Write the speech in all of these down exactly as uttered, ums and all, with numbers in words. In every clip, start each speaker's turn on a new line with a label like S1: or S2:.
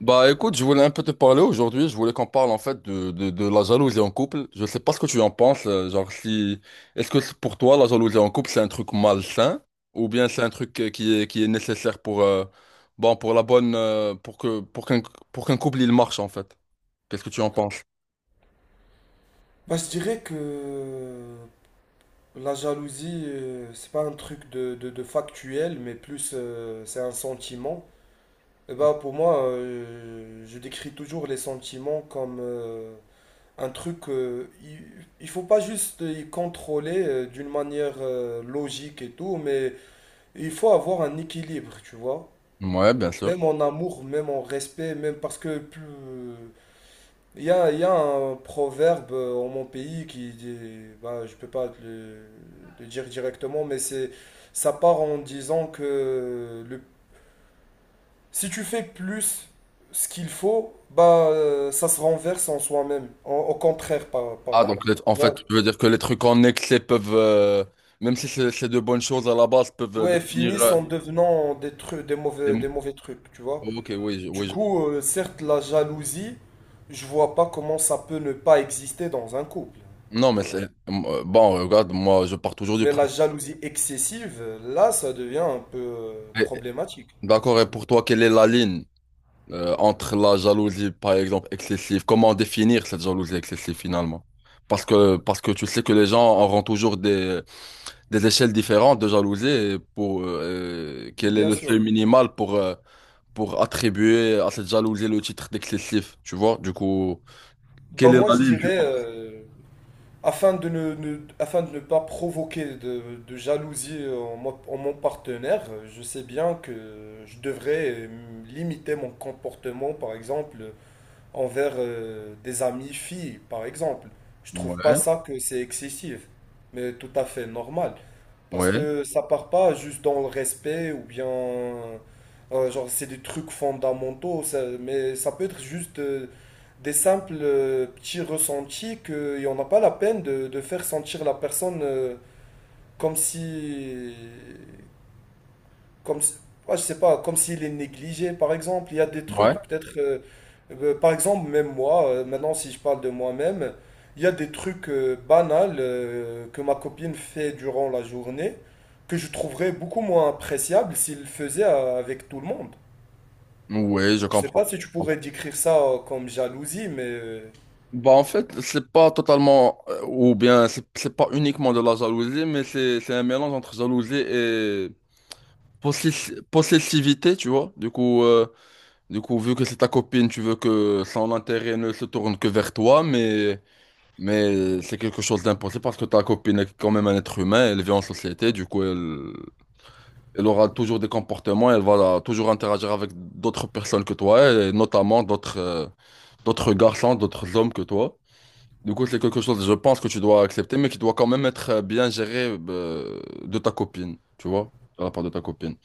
S1: Bah écoute, je voulais un peu te parler aujourd'hui. Je voulais qu'on parle en fait de, de, de la jalousie en couple. Je sais pas ce que tu en penses, euh, genre si est-ce que c'est pour toi la jalousie en couple, c'est un truc malsain, ou bien c'est un truc euh, qui est qui est nécessaire pour euh, bon, pour la bonne euh, pour que pour qu'un pour qu'un couple il marche en fait. Qu'est-ce que tu en penses?
S2: Bah, je dirais que la jalousie, euh, c'est pas un truc de, de- de factuel, mais plus euh, c'est un sentiment. Et bah, pour moi, euh, je décris toujours les sentiments comme euh, un truc. euh, il, Il faut pas juste y contrôler euh, d'une manière euh, logique et tout, mais il faut avoir un équilibre, tu vois.
S1: Ouais, bien sûr.
S2: Même en amour, même en respect, même parce que plus, Il y a, il y a un proverbe euh, en mon pays qui dit, bah, je peux pas te le, le dire directement, mais c'est, ça part en disant que le, si tu fais plus ce qu'il faut, bah, euh, ça se renverse en soi-même. En- Au contraire, par-
S1: Ah
S2: pardon.
S1: donc les- en
S2: Tu
S1: fait,
S2: vois?
S1: tu veux dire que les trucs en excès peuvent euh, même si c'est c'est de bonnes choses à la base, peuvent euh,
S2: Ouais,
S1: devenir
S2: finissent
S1: euh,
S2: en devenant des trucs, des mauvais, des
S1: des...
S2: mauvais trucs, tu vois.
S1: Ok, oui, je-
S2: Du
S1: oui.
S2: coup, euh, certes, la jalousie, je vois pas comment ça peut ne pas exister dans un couple.
S1: Non, mais c'est... euh, Bon, regarde, moi, je pars toujours du
S2: Mais la
S1: principe.
S2: jalousie excessive, là, ça devient un peu euh,
S1: Et-
S2: problématique.
S1: D'accord, et pour toi, quelle est la ligne euh, entre la jalousie, par exemple, excessive? Comment définir cette jalousie excessive, finalement? Parce que, parce que tu sais que les gens auront toujours des, des échelles différentes de jalousie. Et pour, euh,
S2: Oui,
S1: quel est
S2: bien
S1: le seuil
S2: sûr.
S1: minimal pour, euh, pour attribuer à cette jalousie le titre d'excessif? Tu vois? Du coup,
S2: Bah
S1: quelle est
S2: moi,
S1: la
S2: je
S1: ligne, tu
S2: dirais,
S1: penses?
S2: euh, afin de ne, ne- afin de ne pas provoquer de, de jalousie en, mo- en mon partenaire, euh, je sais bien que je devrais euh, limiter mon comportement, par exemple, envers euh, des amis filles, par exemple. Je trouve pas
S1: Ouais,
S2: ça que c'est excessif, mais tout à fait normal. Parce
S1: ouais,
S2: que ça part pas juste dans le respect ou bien, euh, genre, c'est des trucs fondamentaux, ça- mais ça peut être juste euh, des simples euh, petits ressentis que et on n'a pas la peine de, de faire sentir la personne euh, comme si, comme, si- ouais, je sais pas, comme s'il est négligé, par exemple. Il y a des trucs,
S1: ouais.
S2: peut-être, euh, euh, par exemple, même moi, euh, maintenant, si je parle de moi-même, il y a des trucs euh, banals euh, que ma copine fait durant la journée que je trouverais beaucoup moins appréciable s'il le faisait euh, avec tout le monde.
S1: Ouais, je
S2: Je sais
S1: comprends.
S2: pas si tu pourrais décrire ça euh, comme jalousie, mais euh,
S1: Bah en fait, c'est pas totalement, euh, ou bien c'est c'est pas uniquement de la jalousie, mais c'est c'est un mélange entre jalousie et possessi- possessivité, tu vois. Du coup, euh, du coup, vu que c'est ta copine, tu veux que son intérêt ne se tourne que vers toi, mais mais c'est quelque chose d'impossible, parce que ta copine est quand même un être humain, elle vit en société. Du coup, elle elle aura toujours des comportements, elle va toujours interagir avec d'autres personnes que toi, et notamment d'autres euh, d'autres garçons, d'autres hommes que toi. Du coup, c'est quelque chose, je pense, que tu dois accepter, mais qui doit quand même être euh, bien géré euh, de ta copine, tu vois, de la part de ta copine.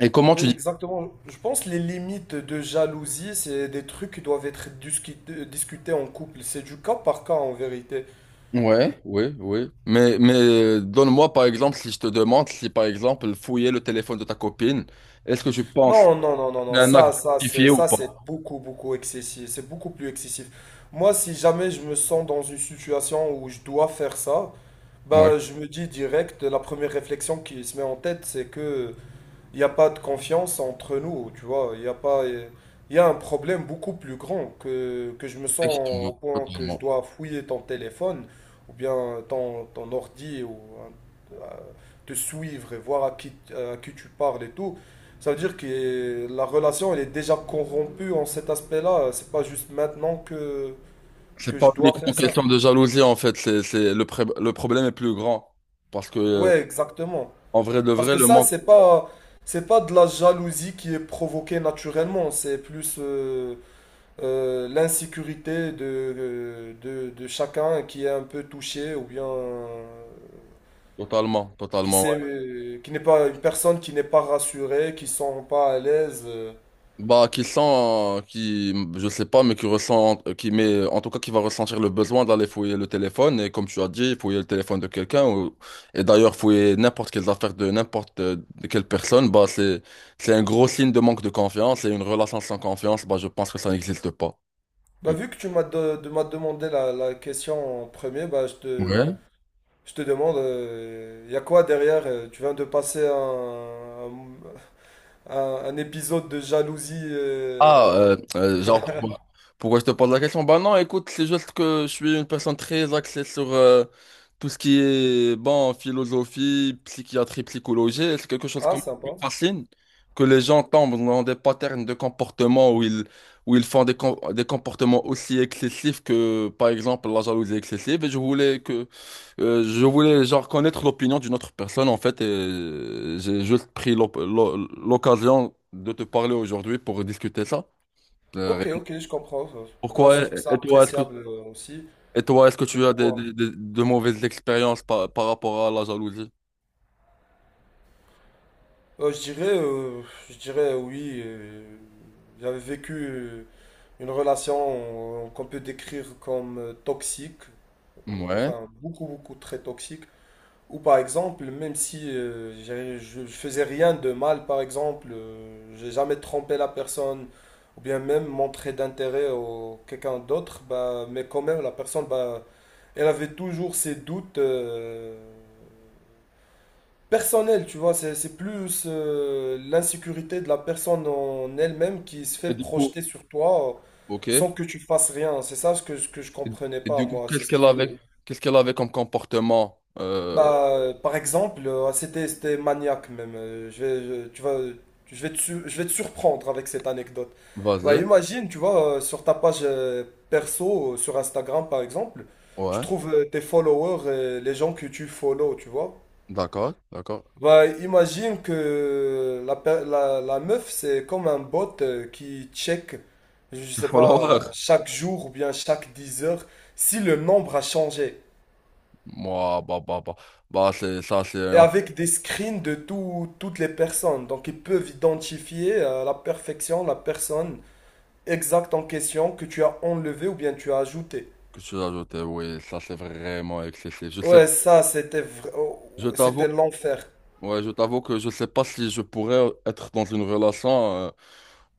S1: Et comment
S2: oui,
S1: tu dis?
S2: exactement. Je pense que les limites de jalousie, c'est des trucs qui doivent être discu- euh, discutés en couple. C'est du cas par cas en vérité.
S1: Ouais, oui, oui. Mais, mais euh, donne-moi, par exemple, si je te demande si, par exemple, fouiller le téléphone de ta copine, est-ce que tu penses que
S2: Non, non, non, non,
S1: c'est
S2: non,
S1: un
S2: ça,
S1: acte
S2: ça, c'est,
S1: justifié ou
S2: ça,
S1: pas?
S2: c'est beaucoup, beaucoup excessif, c'est beaucoup plus excessif. Moi, si jamais je me sens dans une situation où je dois faire ça,
S1: Oui,
S2: bah, je me dis direct, la première réflexion qui se met en tête, c'est que il n'y a pas de confiance entre nous, tu vois. Il y a pas, il y a un problème beaucoup plus grand que, que je me sens au
S1: effectivement,
S2: point que je
S1: totalement.
S2: dois fouiller ton téléphone ou bien ton, ton ordi ou euh, te suivre et voir à qui, à qui tu parles et tout. Ça veut dire que la relation, elle est déjà corrompue en cet aspect-là. C'est pas juste maintenant que,
S1: C'est
S2: que je
S1: pas
S2: dois
S1: uniquement
S2: faire ça.
S1: question de jalousie, en fait, c'est, c'est, le, pré- le problème est plus grand. Parce que, euh,
S2: Ouais, exactement.
S1: en vrai de
S2: Parce
S1: vrai,
S2: que
S1: le
S2: ça,
S1: manque,
S2: c'est pas, c'est pas de la jalousie qui est provoquée naturellement. C'est plus, euh, euh, l'insécurité de, de, de chacun qui est un peu touché ou bien euh,
S1: totalement,
S2: qui
S1: totalement.
S2: sait, euh, qui n'est pas une personne qui n'est pas rassurée, qui ne sont pas à l'aise. euh.
S1: Bah, qui sent, qui, je sais pas, mais qui ressent, qui met, en tout cas, qui va ressentir le besoin d'aller fouiller le téléphone. Et comme tu as dit, fouiller le téléphone de quelqu'un, ou- et d'ailleurs, fouiller n'importe quelles affaires de n'importe euh, de quelle personne, bah, c'est, c'est un gros signe de manque de confiance. Et une relation sans confiance, bah, je pense que ça n'existe pas.
S2: Bah,
S1: Du coup.
S2: vu que tu m'as de- de- m'as demandé la, la question en premier, bah, je te,
S1: Ouais.
S2: je te demande, il y a quoi derrière? euh, Tu viens de passer un, un, un épisode de jalousie.
S1: Ah,
S2: euh.
S1: euh, euh, genre, pourquoi, pourquoi je te pose la question? Bah non, écoute, c'est juste que je suis une personne très axée sur euh, tout ce qui est, bon, philosophie, psychiatrie, psychologie. C'est quelque chose
S2: Ah,
S1: comme- qui me
S2: sympa.
S1: fascine, que les gens tombent dans des patterns de comportement où ils, où ils font des, com- des comportements aussi excessifs que, par exemple, la jalousie excessive. Et je voulais que, euh, je voulais, genre, connaître l'opinion d'une autre personne, en fait, et euh, j'ai juste pris l'op- l'o- l'occasion de te parler aujourd'hui pour discuter ça. Euh,
S2: Ok,
S1: rien.
S2: ok, je comprends. Bah, je
S1: Pourquoi?
S2: trouve ça
S1: Et toi, est-ce que,
S2: appréciable euh, aussi
S1: et toi, est-ce que
S2: de
S1: tu as des,
S2: pouvoir.
S1: des- des- de mauvaises expériences par, par rapport à la jalousie?
S2: Euh, je dirais, euh, je dirais euh, oui. Euh, j'avais vécu euh, une relation euh, qu'on peut décrire comme euh, toxique,
S1: Ouais.
S2: enfin beaucoup, beaucoup très toxique. Ou par exemple, même si euh, j'ai- je, je faisais rien de mal, par exemple, euh, j'ai jamais trompé la personne, ou bien même montré d'intérêt au quelqu'un d'autre, bah, mais quand même la personne, bah, elle avait toujours ses doutes. Euh, personnel, tu vois, c'est c'est plus euh, l'insécurité de la personne en elle-même qui se fait
S1: Et du coup,
S2: projeter sur toi euh,
S1: ok. Et,
S2: sans que tu fasses rien. C'est ça ce que, ce que je comprenais
S1: et
S2: pas,
S1: du coup,
S2: moi. C'est
S1: qu'est-ce
S2: ce
S1: qu'elle
S2: qui. euh,
S1: avait, qu'est-ce qu'elle avait comme comportement? Euh,
S2: Bah, euh, par exemple, euh, ah, c'était, c'était maniaque même. Euh, je vais, je- tu vas, je vais te, su- Je vais te surprendre avec cette anecdote. Bah,
S1: vas-y.
S2: imagine, tu vois, euh, sur ta page euh, perso, euh, sur Instagram par exemple, tu
S1: Ouais.
S2: trouves euh, tes followers, et les gens que tu follow, tu vois.
S1: D'accord, d'accord.
S2: Bah, imagine que la, per- la, la meuf, c'est comme un bot euh, qui check, je
S1: Les
S2: sais pas,
S1: followers.
S2: chaque jour ou bien chaque dix heures, si le nombre a changé.
S1: Moi, bah, bah, bah. Bah, c'est, ça, c'est
S2: Et
S1: un
S2: avec des screens de tout- toutes les personnes. Donc, ils peuvent identifier à la perfection la personne exacte en question que tu as enlevée ou bien tu as ajoutée.
S1: que tu as ajouté. Oui, ça, c'est vraiment excessif. Je sais,
S2: Ouais, ça, c'était vra-
S1: je
S2: oh,
S1: t'avoue.
S2: c'était l'enfer.
S1: Ouais, je t'avoue que je sais pas si je pourrais être dans une relation euh,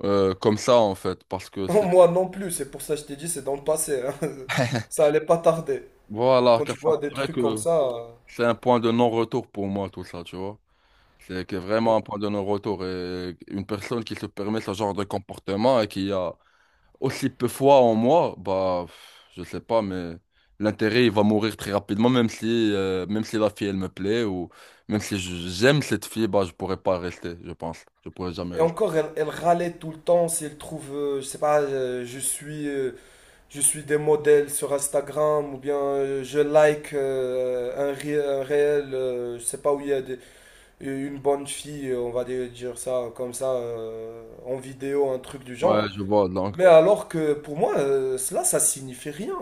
S1: euh, comme ça, en fait, parce que c'est...
S2: Moi non plus, c'est pour ça que je t'ai dit, c'est dans le passé, hein. Ça allait pas tarder.
S1: Voilà,
S2: Quand tu
S1: car ça me
S2: vois des
S1: paraît
S2: trucs comme
S1: que
S2: ça. Euh,
S1: c'est un point de non-retour pour moi, tout ça, tu vois. C'est que vraiment
S2: ouais.
S1: un point de non-retour. Et une personne qui se permet ce genre de comportement et qui a aussi peu foi en moi, bah, pff, je sais pas, mais l'intérêt, il va mourir très rapidement, même si, euh, même si la fille, elle me plaît, ou même si je- j'aime cette fille, bah, je pourrais pas rester, je pense. Je pourrais jamais
S2: Et
S1: rester.
S2: encore, elle, elle râlait tout le temps si elle trouve, euh, je sais pas, euh, je suis, euh, je suis des modèles sur Instagram ou bien euh, je like euh, un, ré- un réel, euh, je sais pas où il y a des- une bonne fille, euh, on va dire dire ça comme ça, euh, en vidéo, un truc du
S1: Ouais,
S2: genre.
S1: je vois, donc.
S2: Mais alors que pour moi, euh, cela, ça signifie rien.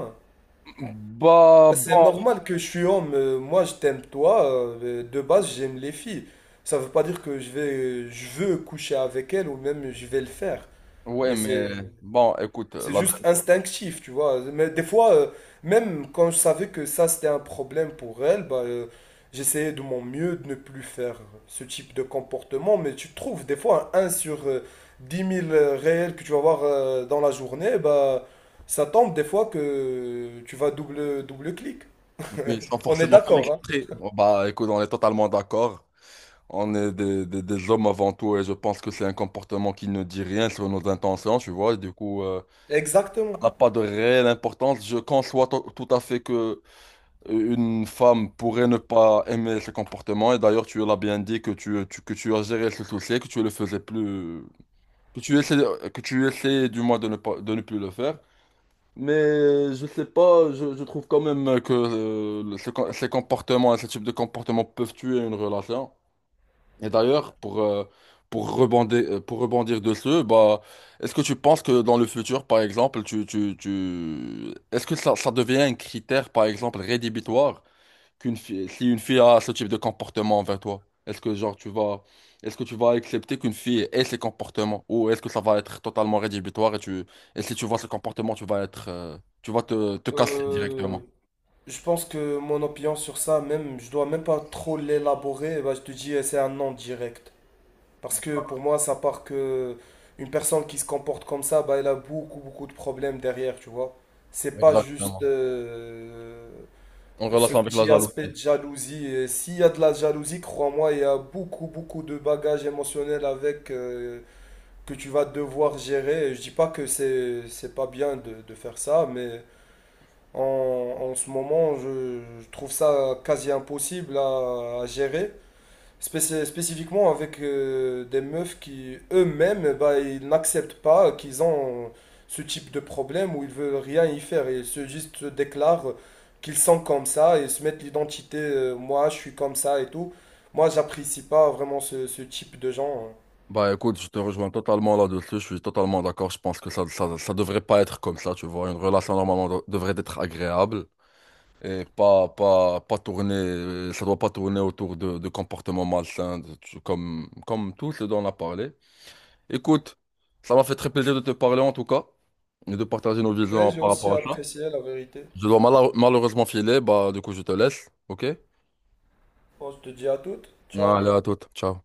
S1: Bah,
S2: Bah, c'est
S1: bon.
S2: normal que je suis homme. euh, Moi, je t'aime toi. euh, De base, j'aime les filles. Ça veut pas dire que je vais, je veux coucher avec elles ou même je vais le faire.
S1: Ouais,
S2: Mais c'est,
S1: mais bon, écoute,
S2: c'est
S1: la...
S2: juste instinctif, tu vois. Mais des fois, euh, même quand je savais que ça c'était un problème pour elles, bah, euh, j'essayais de mon mieux de ne plus faire ce type de comportement. Mais tu trouves des fois un 1 sur euh, dix mille euh, réels que tu vas voir euh, dans la journée, bah, ça tombe des fois que tu vas double, double clic.
S1: Oui, sans
S2: On est
S1: forcément faire
S2: d'accord, hein?
S1: exprès. Oh, bah, écoute, on est totalement d'accord. On est des, des- des hommes avant tout, et je pense que c'est un comportement qui ne dit rien sur nos intentions, tu vois. Du coup, euh,
S2: Exactement.
S1: ça n'a pas de réelle importance. Je conçois to- tout à fait que euh, une femme pourrait ne pas aimer ce comportement. Et d'ailleurs, tu l'as bien dit que tu, tu- que tu as géré ce souci, que tu le faisais plus, que tu essaies, que tu essaies du moins de ne pas, de ne plus le faire. Mais je sais pas, je, je trouve quand même que euh, le- ce com- ces comportements, ce type de comportements peuvent tuer une relation. Et d'ailleurs, pour, euh, pour rebondir, euh, pour rebondir dessus, bah, est-ce que tu penses que dans le futur, par exemple, tu, tu, tu... est-ce que ça, ça devient un critère, par exemple, rédhibitoire? Qu'une fille, si une fille a ce type de comportement envers toi, est-ce que genre tu vas, est-ce que tu vas accepter qu'une fille ait ces comportements, ou est-ce que ça va être totalement rédhibitoire et tu, et si tu vois ce comportement, tu vas être, euh, tu vas te, te casser
S2: Euh,
S1: directement.
S2: je pense que mon opinion sur ça, même, je dois même pas trop l'élaborer. Bah, je te dis, eh, c'est un non direct. Parce que pour moi, ça part que une personne qui se comporte comme ça, bah, elle a beaucoup, beaucoup de problèmes derrière, tu vois. C'est pas juste
S1: Exactement.
S2: euh,
S1: En
S2: ce
S1: relation avec la
S2: petit aspect
S1: jalousie.
S2: de jalousie. Et s'il y a de la jalousie, crois-moi, il y a beaucoup, beaucoup de bagages émotionnels avec euh, que tu vas devoir gérer. Et je dis pas que c'est c'est pas bien de de faire ça, mais En, en ce moment, je, je trouve ça quasi impossible à, à gérer, Spéci- spécifiquement avec euh, des meufs qui eux-mêmes, bah, ils n'acceptent pas qu'ils ont ce type de problème où ils veulent rien y faire. Ils se juste se déclarent qu'ils sont comme ça et se mettent l'identité, euh, moi je suis comme ça et tout. Moi, j'apprécie pas vraiment ce, ce type de gens, hein.
S1: Bah écoute, je te rejoins totalement là-dessus, je suis totalement d'accord. Je pense que ça, ça, ça devrait pas être comme ça, tu vois. Une relation normalement de- devrait être agréable. Et pas, pas, pas tourner, euh, ça doit pas tourner autour de, de comportements malsains, de- tu- comme, comme tout ce dont on a parlé. Écoute, ça m'a fait très plaisir de te parler en tout cas, et de partager nos
S2: Mais
S1: visions.
S2: j'ai
S1: par
S2: aussi
S1: rapport-
S2: apprécié la vérité.
S1: Je dois mala- malheureusement filer, bah du coup je te laisse, ok?
S2: Bon, je te dis à toutes. Ciao.
S1: Allez, à toute, ciao.